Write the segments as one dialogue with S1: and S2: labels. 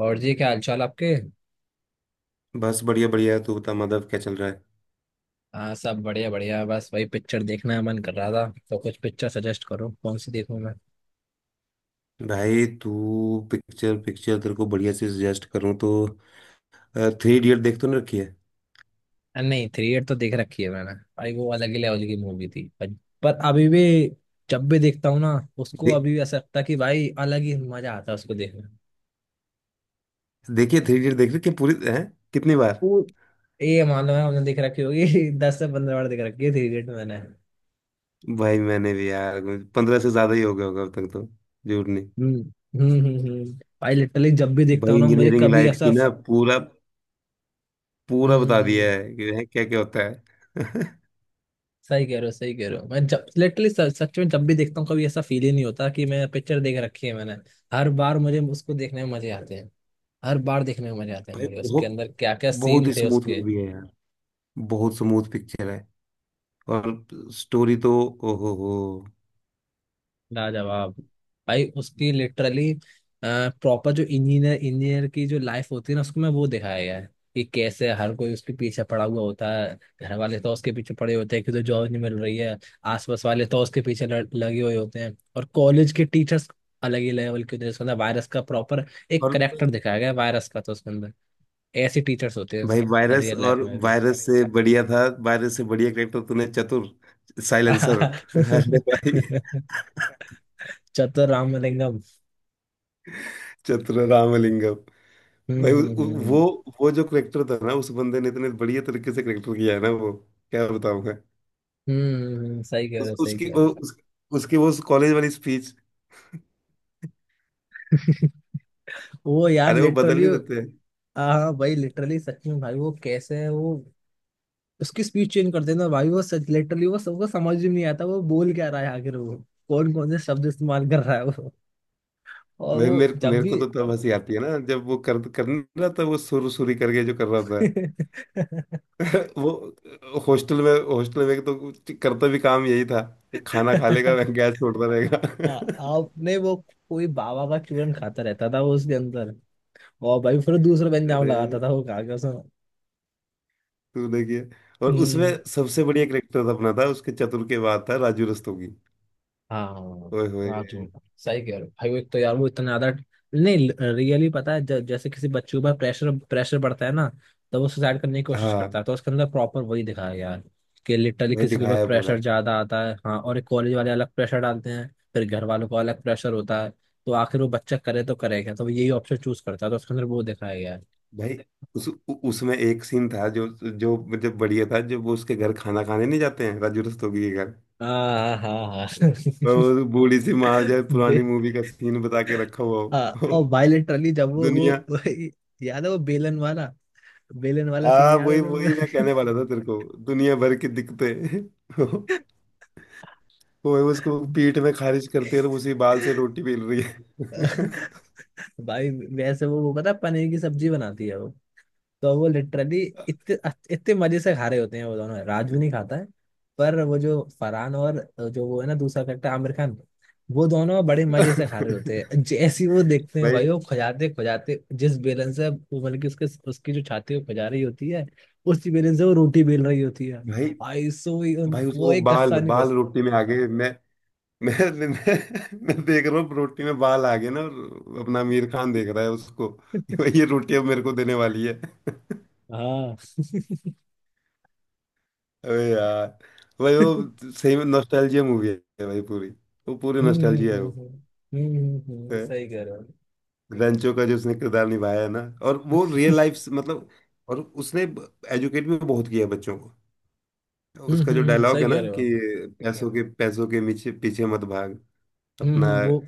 S1: और जी, क्या हालचाल आपके?
S2: बस बढ़िया बढ़िया, तू बता माधव, क्या चल रहा है?
S1: हाँ, सब बढ़िया बढ़िया। बस वही, पिक्चर देखने का मन कर रहा था, तो कुछ पिक्चर सजेस्ट करो, कौन सी देखूं मैं।
S2: भाई तू, पिक्चर पिक्चर तेरे को बढ़िया से सजेस्ट करूँ तो? थ्री इडियट देख तो नहीं रखी है?
S1: अरे नहीं, थ्री इडियट तो देख रखी है मैंने। भाई वो अलग ही लेवल की मूवी थी, पर अभी भी जब भी देखता हूँ ना उसको,
S2: देख
S1: अभी भी ऐसा लगता है कि भाई अलग ही मजा आता है उसको देखने में।
S2: देखिए, थ्री इडियट देख रखी है, पूरी है। कितनी बार?
S1: वो, ये मान लो है, हमने देख रखी होगी दस से पंद्रह बार देख रखी है थ्री इडियट मैंने।
S2: भाई मैंने भी यार, 15 से ज्यादा ही हो गया होगा अब तक तो, झूठ नहीं।
S1: हम्म हम्म हम्म हम्म। भाई लिटरली जब भी देखता
S2: भाई
S1: हूँ ना मुझे
S2: इंजीनियरिंग
S1: कभी
S2: लाइफ
S1: ऐसा।
S2: की ना, पूरा
S1: हम्म
S2: पूरा बता
S1: हम्म हम्म।
S2: दिया है कि क्या क्या होता है।
S1: सही कह रहे हो, सही कह रहे हो। मैं जब लिटरली सच में जब भी देखता हूँ कभी ऐसा फील ही नहीं होता कि मैं पिक्चर देख रखी है मैंने। हर बार मुझे उसको देखने में मजे आते हैं। हर बार देखने में मजे आते हैं
S2: भाई
S1: मुझे, उसके
S2: बहुत,
S1: अंदर क्या क्या
S2: बहुत
S1: सीन
S2: ही
S1: थे
S2: स्मूथ
S1: उसके।
S2: मूवी है यार। बहुत स्मूथ पिक्चर है। और स्टोरी तो, ओहो हो।
S1: लाजवाब। भाई उसकी लिटरली प्रॉपर जो इंजीनियर इंजीनियर की जो लाइफ होती है ना, उसको मैं वो दिखाया गया है कि कैसे हर कोई उसके पीछे पड़ा हुआ होता है। घर वाले तो उसके पीछे पड़े होते हैं कि तो जॉब नहीं मिल रही है। आसपास वाले तो उसके पीछे लगे हुए होते हैं, और कॉलेज के टीचर्स अलग ही लेवल के होते हैं। उसके अंदर वायरस का प्रॉपर एक
S2: और
S1: करेक्टर दिखाया गया है वायरस का, तो उसके अंदर ऐसे टीचर्स होते
S2: भाई
S1: हैं
S2: वायरस,
S1: रियल लाइफ
S2: और
S1: में भी।
S2: वायरस से बढ़िया था, वायरस से बढ़िया करेक्टर तूने, चतुर साइलेंसर। अरे भाई,
S1: चतुर रामलिंगम।
S2: चतुर रामलिंगम। भाई
S1: हम्म
S2: उ-
S1: हम्म
S2: उ- वो
S1: हम्म
S2: वो जो करेक्टर था ना, उस बंदे ने इतने बढ़िया तरीके से करेक्टर किया है ना वो, क्या बताऊं मैं।
S1: हम्म। सही कह रहे
S2: उस,
S1: हो, सही
S2: उसकी
S1: कह रहे
S2: वो
S1: हो।
S2: उस, उसकी वो कॉलेज वाली स्पीच।
S1: वो यार
S2: अरे वो बदल
S1: लिटरली।
S2: नहीं देते हैं।
S1: हाँ भाई लिटरली सच में, भाई वो कैसे है वो उसकी स्पीच चेंज कर देना, भाई वो सच लिटरली वो सबको समझ ही नहीं आता वो बोल क्या रहा है आखिर, वो कौन कौन से शब्द इस्तेमाल कर रहा है वो। और
S2: भाई
S1: वो
S2: मेरे
S1: जब
S2: मेरे
S1: भी।
S2: को तो तब हंसी आती है ना, जब वो कर कर नहीं रहा था, वो सुर सुरी करके जो कर रहा था। वो हॉस्टल में तो कुछ करता भी काम यही था कि खाना खा लेगा, वह गैस छोड़ता रहेगा।
S1: आपने वो कोई बाबा का चूरन खाता रहता था वो उसके अंदर, और भाई फिर दूसरा पंजाब
S2: अरे
S1: लगाता था वो खा के।
S2: तू देखिए। और उसमें
S1: उसमें।
S2: सबसे बढ़िया करेक्टर अपना था, उसके चतुर के बाद था राजू रस्तोगी।
S1: हाँ,
S2: ओए
S1: रात
S2: होए।
S1: में। सही कह रहे हो भाई, वो एक तो यार वो इतना ज्यादा। नहीं, रियली पता है जैसे किसी बच्चे के ऊपर प्रेशर प्रेशर बढ़ता है ना, तो वो सुसाइड करने की कोशिश करता
S2: हाँ।
S1: है, तो उसके अंदर प्रॉपर वही दिखाया गया है कि लिटरली
S2: भाई
S1: किसी के ऊपर
S2: दिखाया है पूरा।
S1: प्रेशर ज्यादा आता है। हाँ, और एक कॉलेज वाले अलग प्रेशर डालते हैं, फिर घर वालों का अलग प्रेशर होता है, तो आखिर वो बच्चा करे तो करे क्या, तो वो यही ऑप्शन चूज करता है, तो उसके अंदर वो दिखाया गया है।
S2: भाई उसमें एक सीन था जो, जो मतलब बढ़िया था, जब वो उसके घर खाना खाने नहीं जाते हैं, राजू रस्तोगी के घर।
S1: हाँ हाँ हाँ।
S2: और वो बूढ़ी सी माँ जो है, पुरानी
S1: बे-
S2: मूवी का सीन बता के रखा हुआ हो।
S1: हाँ, और भाई लिटरली जब
S2: दुनिया,
S1: याद है वो बेलन वाला, बेलन वाला सीन
S2: आ
S1: याद है
S2: वही वही मैं
S1: तुम्हें?
S2: कहने वाला था तेरे को, दुनिया भर की दिक्कतें। वो उसको पीठ में खारिज करते हैं और उसी बाल से रोटी बेल रही है।
S1: भाई वैसे वो पता है, पनीर की सब्जी बनाती है वो, तो वो लिटरली इतने इतने मजे से खा रहे होते हैं वो दोनों, राजू नहीं खाता है, पर वो जो फरहान और जो वो है ना दूसरा करेक्टर आमिर खान, वो दोनों बड़े मजे से खा रहे होते हैं। जैसे ही वो देखते हैं
S2: भाई,
S1: भाई, वो खुजाते खुजाते जिस बेलन से वो मतलब कि उसके उसकी जो छाती वो खुजा रही होती है, उसी बेलन से वो रोटी बेल रही होती है।
S2: भाई,
S1: भाई सो ही
S2: भाई उसको
S1: वो
S2: वो
S1: एक
S2: बाल
S1: कस्सा नहीं
S2: बाल
S1: बस।
S2: रोटी में आ गए। मैं मैं, मैं देख रहा हूँ रोटी में बाल आ गए ना, और अपना आमिर खान देख रहा है उसको। भाई ये रोटी अब मेरे को देने वाली है।
S1: हाँ।
S2: अबे यार। भाई वो सही में नॉस्टैल्जिया मूवी है भाई पूरी, वो पूरी
S1: हम्म हम्म
S2: नॉस्टैल्जिया है
S1: हम्म
S2: वो।
S1: हम्म सही कह रहे हो।
S2: ग्रंचो का जो उसने किरदार निभाया है ना, और वो रियल लाइफ से, मतलब। और उसने एजुकेट भी बहुत किया बच्चों को। उसका जो डायलॉग है
S1: सही कह
S2: ना
S1: रहे
S2: कि
S1: हो।
S2: पैसों के पीछे पीछे मत भाग अपना।
S1: हम्म। वो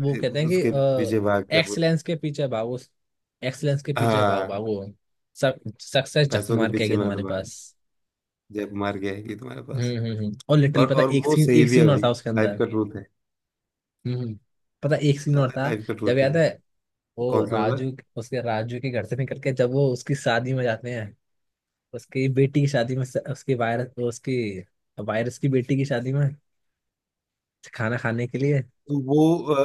S1: वो कहते हैं
S2: उसके पीछे भाग,
S1: कि
S2: क्या बोल?
S1: एक्सलेंस के पीछे भागो। एक्सलेंस के पीछे भाग
S2: हाँ,
S1: भागो सक्सेस झक
S2: पैसों के
S1: मार के
S2: पीछे
S1: आएगी
S2: मत
S1: तुम्हारे
S2: भाग,
S1: पास।
S2: जय कुमार की आएगी तुम्हारे पास।
S1: हम्म, और लिटिल पता
S2: और
S1: एक
S2: वो
S1: सीन
S2: सही
S1: एक
S2: भी है
S1: सीन और था
S2: भाई,
S1: उसके
S2: लाइफ
S1: अंदर।
S2: का ट्रूथ है।
S1: हम्म हम्म, पता एक सीन और था।
S2: लाइफ का
S1: जब
S2: ट्रूथ है
S1: याद है
S2: वो।
S1: वो
S2: कौन सा वाला?
S1: राजू, उसके राजू के घर से निकल के जब वो उसकी शादी में जाते हैं, उसकी बेटी की शादी में, उसकी वायरस की बेटी की शादी में खाना खाने के लिए।
S2: वो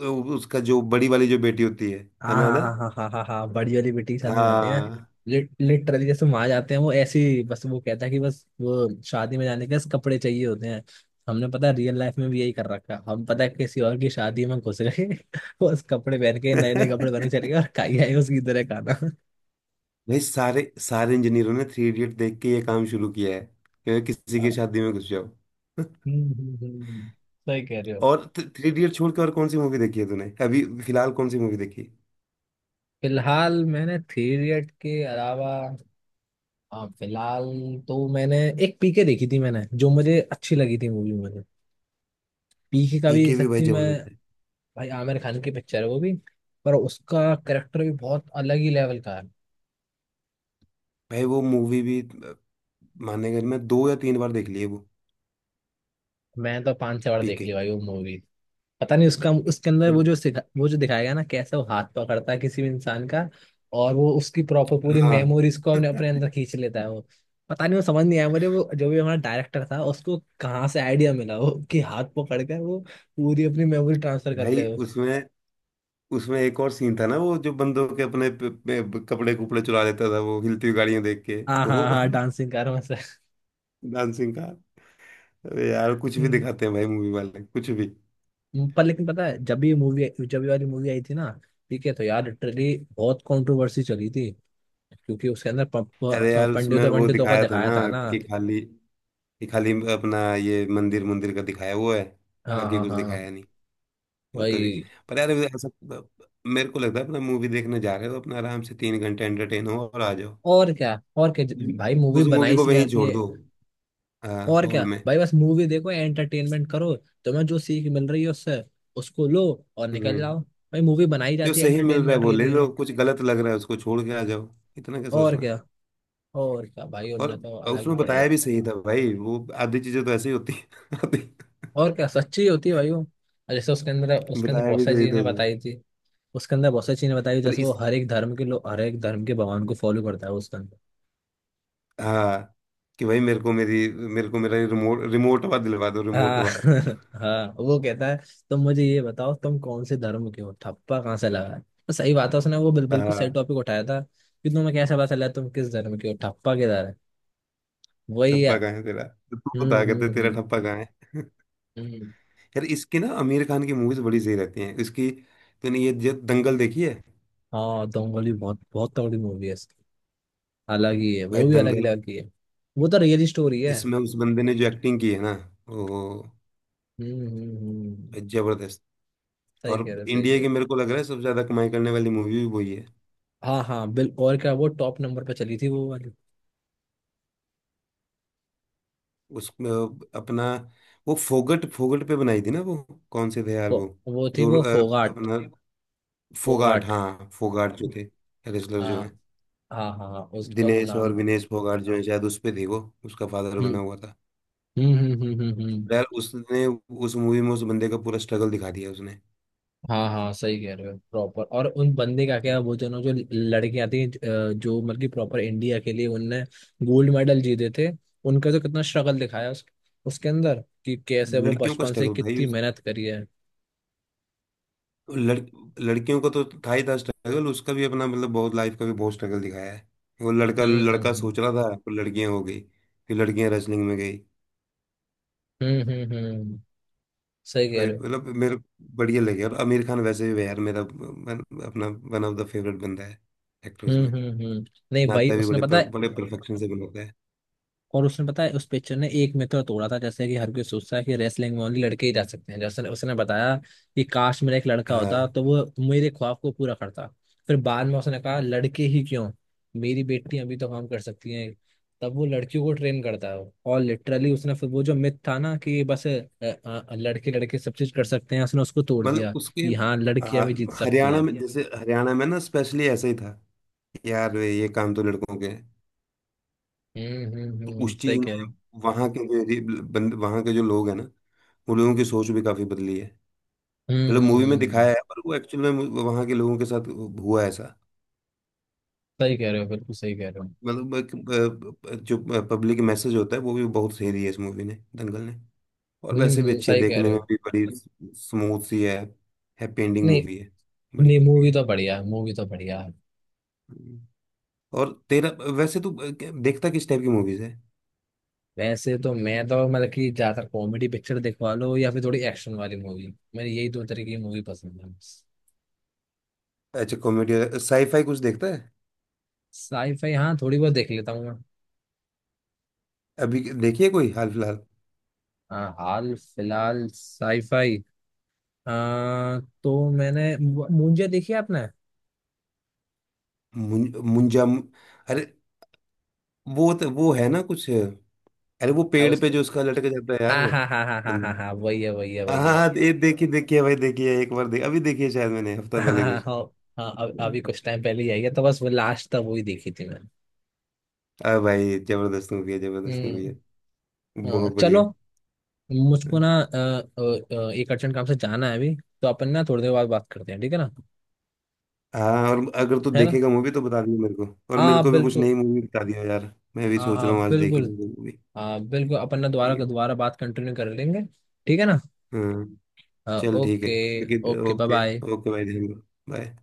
S2: अ, उसका जो बड़ी वाली जो बेटी होती है। है
S1: हाँ
S2: ना, है
S1: हाँ
S2: ना?
S1: हाँ हाँ हाँ हाँ हाँ, बड़ी वाली बेटी के साथ में जाते हैं।
S2: हाँ।
S1: लिटरली जैसे वहां जाते हैं वो ऐसी, बस वो कहता है कि बस वो शादी में जाने के लिए कपड़े चाहिए होते हैं। हमने पता है रियल लाइफ में भी यही कर रखा है। हम पता है किसी और की शादी में घुस गए बस कपड़े पहन के, नए नए कपड़े पहन के चले गए और खाई आए उसकी तरह खाना।
S2: भाई सारे सारे इंजीनियरों ने थ्री इडियट देख के ये काम शुरू किया है, कि किसी की
S1: हाँ,
S2: शादी में घुस जाओ।
S1: सही कह रहे हो।
S2: और थ्री इडियट छोड़ के और कौन सी मूवी देखी है तूने? अभी फिलहाल कौन सी मूवी देखी?
S1: फिलहाल मैंने थ्री इडियट के अलावा, हाँ फिलहाल, तो मैंने एक पीके देखी थी मैंने, जो मुझे अच्छी लगी थी मूवी मुझे। पीके का भी
S2: पीके भी भाई
S1: सच्ची में,
S2: जबरदस्त है।
S1: भाई आमिर खान की पिक्चर है वो भी, पर उसका करेक्टर भी बहुत अलग ही लेवल का है।
S2: भाई वो मूवी भी मानेगा नहीं, मैं 2 या 3 बार देख ली है वो।
S1: मैं तो पांच छह बार देख
S2: पीके।
S1: ली भाई वो मूवी। पता नहीं उसका उसके अंदर
S2: पर
S1: वो जो सिखा वो जो दिखाया गया ना कैसे वो हाथ पकड़ता है किसी भी इंसान का, और वो उसकी प्रॉपर पूरी
S2: हाँ।
S1: मेमोरीज को अपने अपने अंदर खींच लेता है वो। पता नहीं वो समझ नहीं आया मुझे वो, जो भी हमारा डायरेक्टर था उसको कहाँ से आइडिया मिला वो कि हाथ पकड़ कर वो पूरी अपनी मेमोरी ट्रांसफर कर
S2: भाई
S1: ले वो।
S2: उसमें उसमें एक और सीन था ना, वो जो बंदों के अपने कपड़े कुपड़े चुरा लेता था वो, हिलती हुई गाड़ियां देख के।
S1: हाँ
S2: वो
S1: हाँ हाँ, डांसिंग कार में
S2: डांसिंग का। अरे यार कुछ भी
S1: से।
S2: दिखाते हैं भाई, मूवी वाले कुछ भी।
S1: पर लेकिन पता है जब भी ये मूवी, जब ये वाली मूवी आई थी ना, ठीक है, तो यार लिटरली बहुत कंट्रोवर्सी चली थी, क्योंकि उसके अंदर
S2: अरे यार उसमें
S1: पंडितों
S2: वो
S1: पंडितों का
S2: दिखाया था
S1: दिखाया
S2: ना,
S1: था ना।
S2: कि खाली कि खाली अपना ये मंदिर मंदिर का दिखाया वो है,
S1: हाँ
S2: बाकी
S1: हाँ
S2: कुछ
S1: हाँ
S2: दिखाया नहीं वो तो भी।
S1: वही।
S2: पर यार ऐसा मेरे को लगता है, अपना मूवी देखने जा रहे हो तो अपना आराम से 3 घंटे एंटरटेन हो और आ जाओ।
S1: और क्या, और क्या भाई, मूवी
S2: उस
S1: बनाई
S2: मूवी को
S1: इसलिए
S2: वहीं
S1: आती
S2: छोड़
S1: है।
S2: दो,
S1: और
S2: हॉल
S1: क्या
S2: में।
S1: भाई, बस मूवी देखो, एंटरटेनमेंट करो। तुम्हें जो सीख मिल रही है उससे, उसको लो और निकल
S2: हम्म।
S1: जाओ। भाई मूवी बनाई
S2: जो
S1: जाती है
S2: सही मिल रहा है
S1: एंटरटेनमेंट
S2: वो
S1: के
S2: ले
S1: लिए।
S2: लो, कुछ गलत लग रहा है उसको छोड़ के आ जाओ। इतना क्या
S1: और
S2: सोचना।
S1: क्या, और क्या भाई
S2: और
S1: उनने तो अलग ही
S2: उसमें
S1: पड़ गए।
S2: बताया भी सही था भाई, वो आधी चीजें तो ऐसी होती है आधी।
S1: और क्या सच्ची होती है भाई वो, और जैसे उसके अंदर
S2: बताया
S1: बहुत
S2: भी
S1: सारी
S2: सही था
S1: चीजें
S2: उसमें।
S1: बताई थी। उसके अंदर बहुत सारी चीजें बताई थी,
S2: पर
S1: जैसे वो
S2: इस,
S1: हर एक धर्म के लोग हर एक धर्म के भगवान को फॉलो करता है उसके अंदर।
S2: हाँ, कि भाई मेरे को, मेरी मेरे को मेरा रिमोट रिमोट हुआ दिलवा दो, रिमोट
S1: हाँ
S2: हुआ।
S1: हाँ वो कहता है, तुम मुझे ये बताओ तुम कौन से धर्म के हो, ठप्पा कहाँ से लगा है, तो सही बात है उसने वो बिल्कुल सही
S2: हाँ।
S1: टॉपिक उठाया था कि तुम्हें कैसे पता चला तुम किस धर्म के हो, ठप्पा किधर है। वही
S2: ठप्पा
S1: है।
S2: कहाँ है तेरा, तो तू
S1: हम्म
S2: बता,
S1: हम्म
S2: कहते तेरा ठप्पा
S1: हम्म
S2: कहाँ है।
S1: हम्म।
S2: यार इसकी ना आमिर खान की मूवीज बड़ी सही रहती हैं इसकी। तूने ये जो दंगल देखी है?
S1: हाँ, दंगल भी बहुत बहुत तगड़ी मूवी है इसकी। अलग ही है
S2: भाई
S1: वो भी,
S2: दंगल,
S1: अलग ही है। वो तो रियल स्टोरी है।
S2: इसमें उस बंदे ने जो एक्टिंग की है ना वो,
S1: हम्म हम्म हम्म।
S2: भाई जबरदस्त।
S1: सही
S2: और
S1: कह रहे हो, सही कह
S2: इंडिया
S1: रहे
S2: की
S1: हो।
S2: मेरे को लग रहा है सबसे ज्यादा कमाई करने वाली मूवी भी वही है।
S1: हाँ हाँ बिल और क्या वो टॉप नंबर पे चली थी वो वाली।
S2: उसमें अपना वो फोगट फोगट पे बनाई थी ना वो। कौन से थे यार
S1: वो
S2: वो,
S1: वो थी
S2: जो
S1: वो, फोगाट
S2: अपना फोगाट,
S1: फोगाट।
S2: हाँ फोगाट जो थे, रेसलर
S1: हाँ
S2: जो है।
S1: हाँ हाँ हाँ, उसका वो
S2: दिनेश
S1: नाम।
S2: और विनेश फोगाट जो है, शायद उस पे थे वो। उसका फादर
S1: हम्म
S2: बना हुआ था।
S1: हम्म।
S2: पर यार उसने उस मूवी में उस बंदे का पूरा स्ट्रगल दिखा दिया उसने।
S1: हाँ हाँ सही कह रहे हो प्रॉपर। और उन बंदे का क्या, वो दोनों जो लड़कियां थी, जो मतलब कि प्रॉपर इंडिया के लिए उनने गोल्ड मेडल जीते थे, उनका तो कितना स्ट्रगल दिखाया उसके अंदर कि कैसे वो
S2: लड़कियों का
S1: बचपन से
S2: स्ट्रगल भाई
S1: कितनी मेहनत करी है।
S2: लड़ लड़कियों का तो था ही था स्ट्रगल, उसका भी अपना मतलब बहुत, लाइफ का भी बहुत स्ट्रगल दिखाया है। वो लड़का
S1: हम्म
S2: लड़का
S1: हम्म
S2: सोच रहा था, पर लड़कियां हो गई। फिर लड़कियां रेसलिंग में गई।
S1: हम्म हम्म हम्म हम्म। सही कह
S2: भाई
S1: रहे हो।
S2: मतलब मेरे को बढ़िया लगे। और आमिर खान वैसे भी यार मेरा अपना वन ऑफ द फेवरेट बंदा है, एक्टर्स
S1: हम्म
S2: में।
S1: हम्म हम्म। नहीं भाई
S2: नाता भी
S1: उसने
S2: बड़े,
S1: पता
S2: पर
S1: है,
S2: बड़े परफेक्शन से बनाता है।
S1: और उसने पता है उस पिक्चर ने एक मिथ और तोड़ा था। जैसे कि हर कोई सोचता है कि रेसलिंग में ओनली लड़के ही जा सकते हैं, जैसे उसने बताया कि काश मेरा एक लड़का
S2: हाँ।
S1: होता तो वो मेरे ख्वाब को पूरा करता। फिर बाद में उसने कहा, लड़के ही क्यों, मेरी बेटी अभी तो काम कर सकती है। तब वो लड़कियों को ट्रेन करता है, और लिटरली उसने फिर वो जो मिथ था ना कि बस लड़के लड़के सब चीज कर सकते हैं, उसने उसको तोड़
S2: मतलब
S1: दिया
S2: उसके,
S1: कि हाँ, लड़कियां भी जीत
S2: हाँ,
S1: सकती
S2: हरियाणा
S1: हैं।
S2: में, जैसे हरियाणा में ना स्पेशली ऐसा ही था, यार वे ये काम तो लड़कों के हैं। तो
S1: हम्म,
S2: उस चीज
S1: सही कह रहे
S2: ने
S1: हो।
S2: वहाँ के जो बंद वहाँ के जो लोग हैं ना, उन लोगों की सोच भी काफी बदली है। मतलब मूवी में दिखाया
S1: हम्म,
S2: है, पर वो एक्चुअल में वहाँ के लोगों के साथ हुआ है ऐसा।
S1: सही कह रहे हो, बिल्कुल सही कह रहे हो।
S2: मतलब एक, जो पब्लिक मैसेज होता है वो भी बहुत सही दिया है इस मूवी ने, दंगल ने। और वैसे भी
S1: हम्म,
S2: अच्छी है,
S1: सही कह
S2: देखने
S1: रहे
S2: में
S1: हो।
S2: भी बड़ी स्मूथ सी है। हैप्पी एंडिंग
S1: नहीं,
S2: मूवी है बड़ी।
S1: नहीं, मूवी तो बढ़िया है, मूवी तो बढ़िया है।
S2: हम्म। और तेरा, वैसे तू देखता किस टाइप की मूवीज है?
S1: वैसे तो मैं तो मतलब कि ज्यादातर कॉमेडी पिक्चर दिखवा लो या फिर थोड़ी एक्शन वाली मूवी, मेरी यही दो तरीके की मूवी पसंद है।
S2: अच्छा, कॉमेडी साईफाई कुछ देखता है?
S1: साईफाई हाँ, थोड़ी बहुत देख लेता हूँ मैं।
S2: अभी देखिए कोई हाल फिलहाल।
S1: हाँ, हाल फिलहाल साईफाई, आ, तो मैंने मुंजे देखी है आपने।
S2: मुंजा अरे, वो वो है ना कुछ, अरे वो पेड़ पे
S1: उसके,
S2: जो उसका लटक जाता है यार,
S1: हाँ हाँ हाँ हाँ हाँ हाँ
S2: बंदा।
S1: हाँ, वही है, वही है,
S2: हाँ
S1: वही
S2: हाँ
S1: है।
S2: हाँ, ये देखिए, देखिए भाई, देखिए एक बार देख, अभी देखिए शायद मैंने हफ्ता
S1: हाँ
S2: पहले
S1: हाँ
S2: कुछ।
S1: हाँ। हाँ, अभी अभी कुछ टाइम पहले ही आई है, तो बस वो लास्ट तक वही देखी थी मैंने।
S2: आ भाई जबरदस्त मूवी है, जबरदस्त मूवी है,
S1: हम्म।
S2: बहुत
S1: चलो,
S2: बढ़िया।
S1: मुझको ना एक अर्जेंट काम से जाना है अभी, तो अपन ना थोड़ी देर बाद बात करते हैं ठीक है ना,
S2: हाँ, और अगर तू
S1: है ना।
S2: देखेगा मूवी तो बता दियो मेरे को। और मेरे
S1: हाँ
S2: को भी कुछ नई
S1: बिल्कुल,
S2: मूवी बता दियो यार, मैं भी
S1: हाँ
S2: सोच
S1: हाँ
S2: रहा हूँ आज देख ही
S1: बिल्कुल,
S2: लूँ मूवी।
S1: हाँ बिल्कुल अपन ना दोबारा दोबारा बात कंटिन्यू कर लेंगे। ठीक है ना।
S2: हाँ, चल ठीक है।
S1: ओके।
S2: बाकी
S1: okay bye
S2: okay.
S1: Bye.
S2: Okay भाई, ध्यान रखो। बाय।